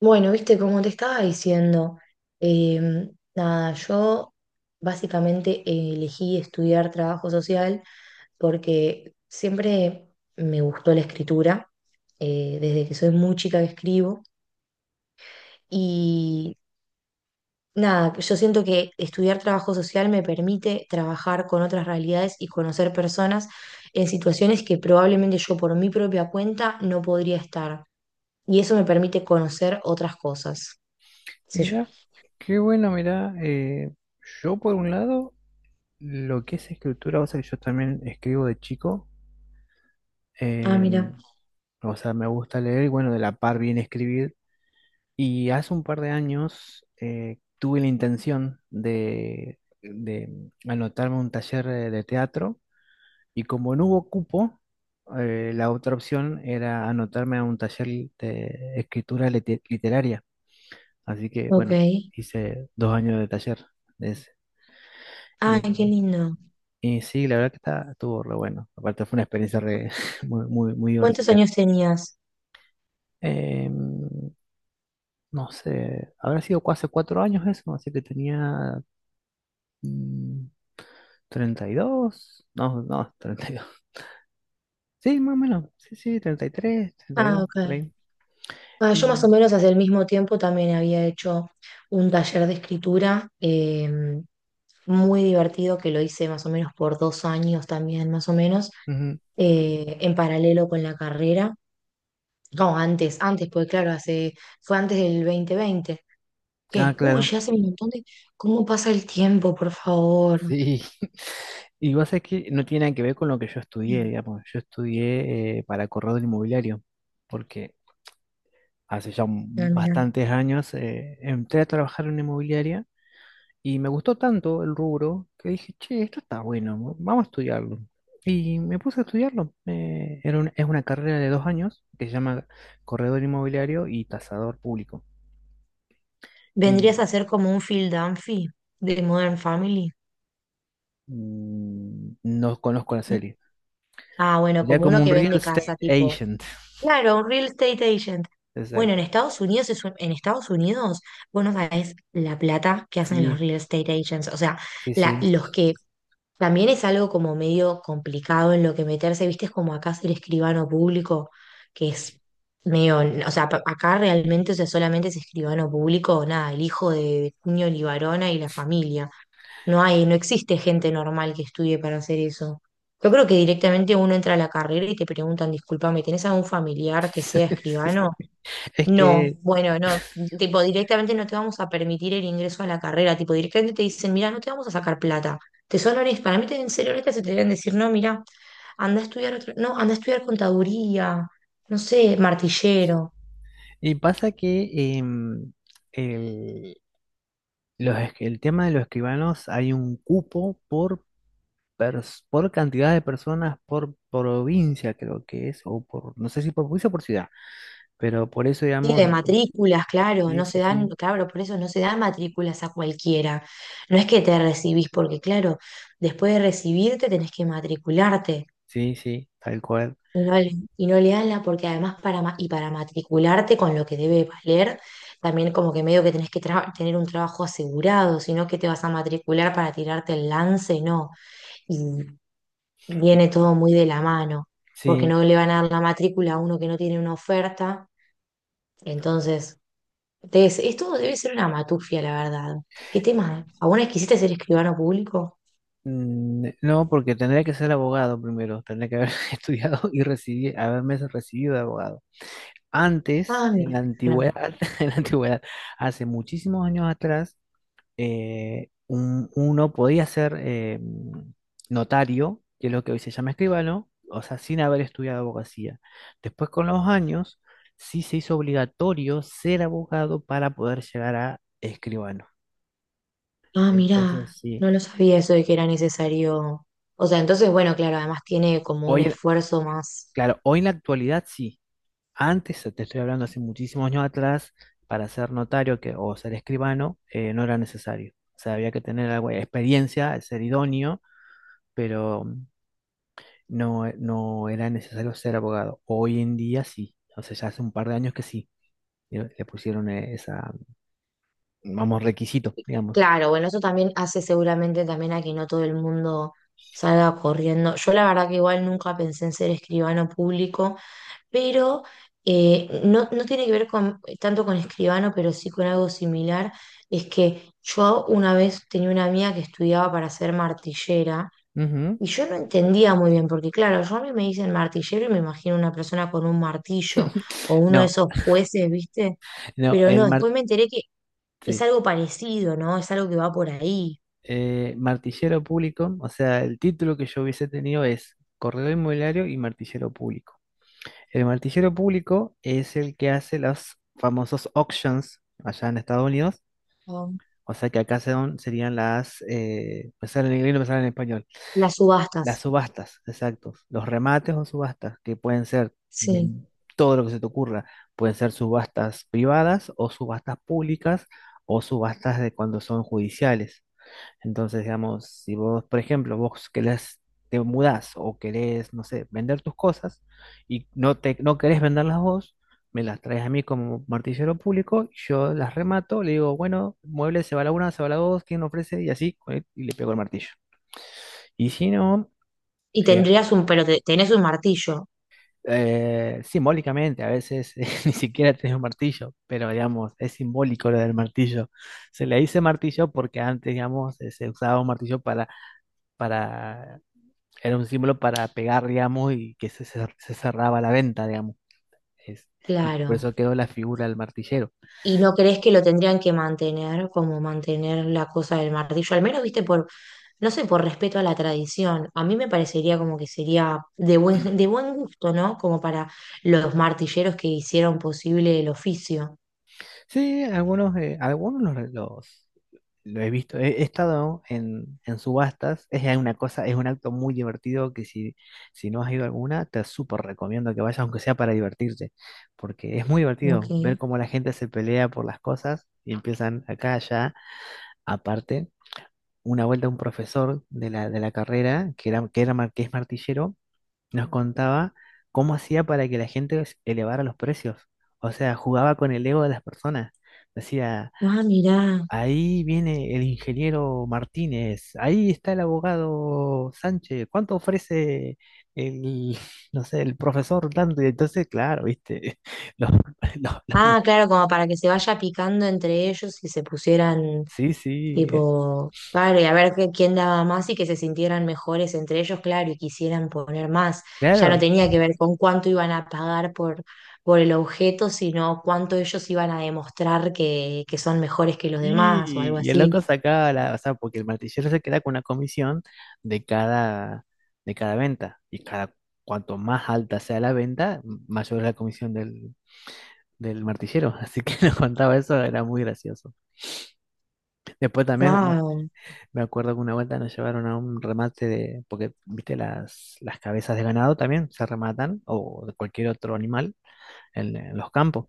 Bueno, viste, como te estaba diciendo, nada, yo básicamente elegí estudiar trabajo social porque siempre me gustó la escritura, desde que soy muy chica que escribo, y nada, yo siento que estudiar trabajo social me permite trabajar con otras realidades y conocer personas en situaciones que probablemente yo por mi propia cuenta no podría estar, y eso me permite conocer otras cosas, qué sé yo. Mira, qué bueno, mira, yo por un lado, lo que es escritura, o sea, yo también escribo de chico, Ah, eh, mira. o sea, me gusta leer, y bueno, de la par bien escribir, y hace un par de años tuve la intención de anotarme a un taller de teatro, y como no hubo cupo, la otra opción era anotarme a un taller de escritura literaria, así que Ok. bueno, Ay, hice dos años de taller de ese. qué Y, lindo. y sí, la verdad que estuvo re bueno. Aparte fue una experiencia re- muy, muy, muy ¿Cuántos divertida. años tenías? Em, no sé, habrá hace cuatro años eso, así que tenía mm, treinta y dos, no, no, treinta y dos. Sí, más o menos, sí, sí, 33, Ah, 32, ok. por ahí. Ah, Y, yo más o menos hace el mismo tiempo también había hecho un taller de escritura muy divertido que lo hice más o menos por dos años también, más o menos, ujú, en paralelo con la carrera. No, antes, porque claro, hace, fue antes del 2020. Ah, ¿Qué? Uy, claro, ya hace un montón de... ¿Cómo pasa el tiempo, por favor? sí. Y vos sabés que no tiene nada que ver con lo que yo estudié, Mm. digamos. Yo estudié para corredor inmobiliario, porque hace ya Ah, mirá. bastantes años, entré a trabajar en una inmobiliaria y me gustó tanto el rubro que dije, che, esto está bueno, vamos a estudiarlo. Y me puse a estudiarlo. Es una carrera de dos años que se llama corredor inmobiliario y tasador público. Y Vendrías a ser como un Phil Dunphy de Modern Family. No conozco la serie. Ah, bueno, Sería como uno como un que real vende estate casa, tipo. agent. Claro, un real estate agent. Bueno, en Exacto. Estados Unidos en Estados Unidos, vos no sabés la plata que hacen los Sí, real estate agents. O sea, sí, sí. los que también es algo como medio complicado en lo que meterse, viste, es como acá ser escribano público, que es medio, o sea, acá realmente, o sea, solamente es escribano público, nada, el hijo de Cuño Libarona y la familia. No existe gente normal que estudie para hacer eso. Yo creo que directamente uno entra a la carrera y te preguntan, discúlpame, ¿tenés algún familiar que sea escribano? Es No, que, bueno, no, tipo, directamente no te vamos a permitir el ingreso a la carrera, tipo, directamente te dicen, mira, no te vamos a sacar plata. Te son honestas, para mí te deben ser honestas y te deben decir, no, mira, anda a estudiar otro, no, anda a estudiar contaduría, no sé, martillero. y pasa que em, el- el tema de los escribanos, hay un cupo por cantidad de personas por provincia, creo que es, o por, no sé si por provincia o por ciudad, pero por eso, Sí, digamos, de es como- matrículas, claro, sí, no se sí, dan, sí, claro, por eso no se dan matrículas a cualquiera. No es que te recibís, porque claro, después de recibirte tenés que matricularte sí, sí, tal cual. y no, y no le dan la, porque además para, y para matricularte con lo que debe valer, también como que medio que tener un trabajo asegurado, sino que te vas a matricular para tirarte el lance, no. Y Y- viene todo muy de la mano, porque Sí, no le van a dar la matrícula a uno que no tiene una oferta, entonces... Debe esto debe ser una matufia, la verdad. ¿Qué tema? ¿Alguna vez quisiste ser escribano público? No, porque tendría que ser abogado primero, tendría que haber haberme recibido de abogado. Antes, Ah, en mira, la claro. antigüedad, en la antigüedad, hace muchísimos años atrás, uno podía ser notario, que es lo que hoy se llama escribano, o sea, sin haber estudiado abogacía. Después, con los años, sí se hizo obligatorio ser abogado para poder llegar a escribano. Ah, Entonces, mira, sí. no lo sabía eso de que era necesario. O sea, entonces, bueno, claro, además tiene como un Hoy, en- esfuerzo más. claro, hoy en la actualidad sí. Antes, te estoy hablando hace muchísimos años atrás, para ser notario que, o ser escribano, no era necesario. O sea, había que tener algo de experiencia, ser idóneo, pero no, no era necesario ser abogado. Hoy en día sí, o sea, ya hace un par de años que sí, le pusieron esa, vamos, requisito, digamos. Claro, bueno, eso también hace seguramente también a que no todo el mundo salga corriendo. Yo la verdad que igual nunca pensé en ser escribano público, pero no, no tiene que ver con, tanto con escribano, pero sí con algo similar. Es que yo una vez tenía una amiga que estudiaba para ser martillera Ujú. y yo no entendía muy bien, porque claro, yo a mí me dicen martillero y me imagino una persona con un martillo o uno de No, esos jueces, ¿viste? no, Pero no, después me enteré que es sí, algo parecido, ¿no? Es algo que va por ahí. Martillero público, o sea, el título que yo hubiese tenido es corredor inmobiliario y martillero público. El martillero público es el que hace los famosos auctions allá en Estados Unidos, Oh, o sea que acá serían las, me sale en inglés, no me sale en español. las Las subastas, subastas, exacto. Los remates o subastas, que pueden ser de sí. todo lo que se te ocurra. Pueden ser subastas privadas o subastas públicas o subastas de cuando son judiciales. Entonces, digamos, si vos, por ejemplo, vos querés, te mudás o querés, no sé, vender tus cosas y no, no querés venderlas vos, me las traes a mí como martillero público, yo las remato, le digo, bueno, mueble se va la una, se va la dos, ¿quién ofrece? Y así, y le pego el martillo. Y si no, Y eh, tendrías un, pero tenés un martillo, simbólicamente, a veces ni siquiera tenés un martillo, pero digamos, es simbólico lo del martillo. Se le dice martillo porque antes, digamos, se usaba un martillo para era un símbolo para pegar, digamos, y que se cerraba la venta, digamos. Es- y por claro. eso quedó la figura del martillero. ¿Y no crees que lo tendrían que mantener, como mantener la cosa del martillo? Al menos, viste, por, no sé, por respeto a la tradición. A mí me parecería como que sería de buen gusto, ¿no? Como para los martilleros que hicieron posible el oficio. Sí, algunos, algunos lo he visto, he estado en subastas, es ya una cosa, es un acto muy divertido que si, si no has ido a alguna, te súper recomiendo que vayas, aunque sea para divertirte, porque es muy divertido ver Ok. cómo la gente se pelea por las cosas y empiezan acá, allá, aparte. Una vuelta un profesor de la carrera, que es martillero, nos contaba cómo hacía para que la gente elevara los precios. O sea, jugaba con el ego de las personas. Decía, Ah, mirá. ahí viene el ingeniero Martínez, ahí está el abogado Sánchez, ¿cuánto ofrece el, no sé, el profesor tanto? Y entonces, claro, viste, los- los- los- Ah, claro, como para que se vaya picando entre ellos y se pusieran. sí, sí, Tipo, claro, y a ver quién daba más y que se sintieran mejores entre ellos, claro, y quisieran poner más. Ya no claro, tenía que ver con cuánto iban a pagar por el objeto, sino cuánto ellos iban a demostrar que son mejores que los demás o algo y el así. loco sacaba la, o sea, porque el martillero se queda con una comisión de cada, de cada venta, y cada, cuanto más alta sea la venta, mayor es la comisión del martillero, así que nos contaba eso, era muy gracioso. Después también, bueno, Wow. me acuerdo que una vuelta nos llevaron a un remate de, porque, viste, las cabezas de ganado también se rematan, o de cualquier otro animal, en los campos.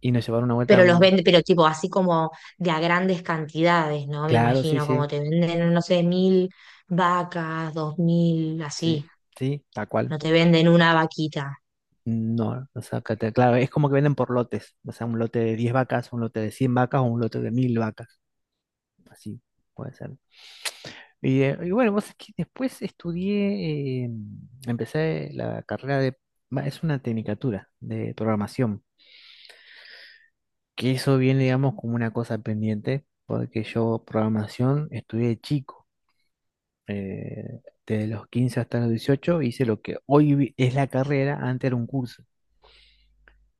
Y nos llevaron una vuelta a Pero los un... venden, pero tipo así como de a grandes cantidades, ¿no? Me Claro, sí, imagino, como sí, te venden, no sé, mil vacas, dos mil, así. sí, sí, tal cual. No te venden una vaquita. No, o sea, claro, es como que venden por lotes, o sea, un lote de 10 vacas, un lote de 100 vacas o un lote de 1000 vacas, así puede ser. Y bueno, vos sabés que después estudié, empecé la carrera de, va, es una tecnicatura de programación, que eso viene, digamos, como una cosa pendiente, porque yo programación estudié de chico, eh, desde los 15 hasta los 18 hice lo que es la carrera, antes era un curso,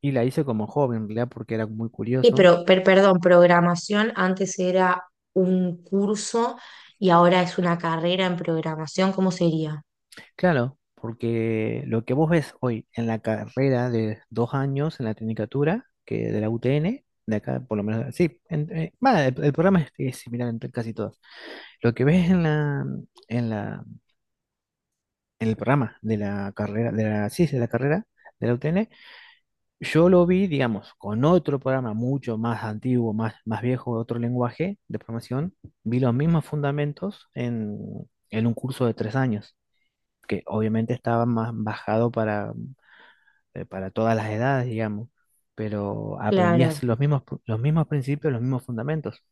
y la hice como joven, en realidad, porque era muy Y curioso. pero, perdón, programación antes era un curso y ahora es una carrera en programación, ¿cómo sería? Claro, porque lo que vos ves hoy en la carrera de dos años, en la tecnicatura, que de la UTN, de acá, por lo menos, sí, va, el programa es similar entre casi todos. Lo que ves en la en el programa de la carrera, sí, de la carrera de la UTN, yo lo vi, digamos, con otro programa mucho más antiguo, más, más viejo, otro lenguaje de programación, vi los mismos fundamentos en un curso de tres años, que obviamente estaba más bajado para todas las edades, digamos, pero Claro, aprendías los mismos principios, los mismos fundamentos.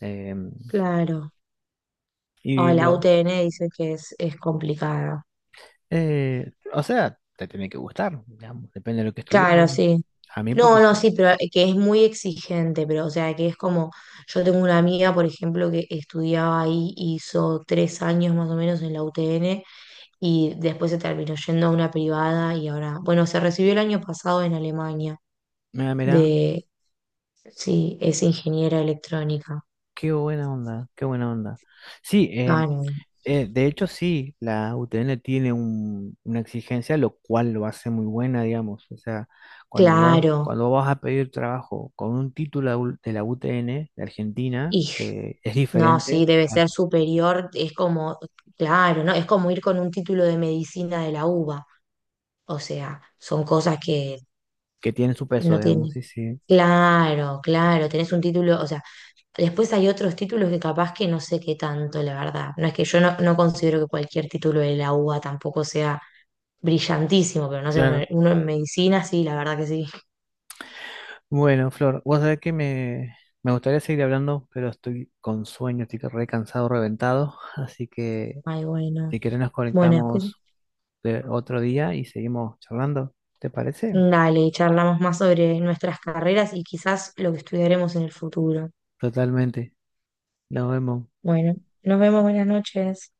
Eh, claro. O y la lo, UTN dice que es complicada. O sea, te tiene que gustar, digamos, depende de lo que estudies, Claro, digamos. sí. A mí porque No, no, sí. sí, pero que es muy exigente, pero o sea, que es como, yo tengo una amiga, por ejemplo, que estudiaba ahí, hizo 3 años más o menos en la UTN y después se terminó yendo a una privada y ahora, bueno, se recibió el año pasado en Alemania Mira, mira, de, sí, es ingeniera electrónica. qué buena onda, qué buena onda. Sí, Claro, de hecho sí, la UTN tiene una exigencia, lo cual lo hace muy buena, digamos. O sea, claro. cuando vas a pedir trabajo con un título de la UTN de Argentina, Y es no, sí, diferente debe a ser superior, es como, claro, ¿no? Es como ir con un título de medicina de la UBA. O sea, son cosas que que tiene su peso, no digamos, tienen... sí, sí. Claro, claro, tenés un título, o sea, después hay otros títulos que capaz que no sé qué tanto, la verdad. No es que yo no, no considero que cualquier título de la UBA tampoco sea brillantísimo, pero no sé, uno, Claro. uno en medicina sí, la verdad que sí. Bueno, Flor, vos sabés me gustaría seguir hablando, pero estoy con sueño, estoy re cansado, reventado, así que Ay, bueno. si querés nos Bueno, después conectamos de otro día y seguimos charlando, ¿te parece? dale, charlamos más sobre nuestras carreras y quizás lo que estudiaremos en el futuro. Totalmente, nos vemos. Bueno, nos vemos, buenas noches.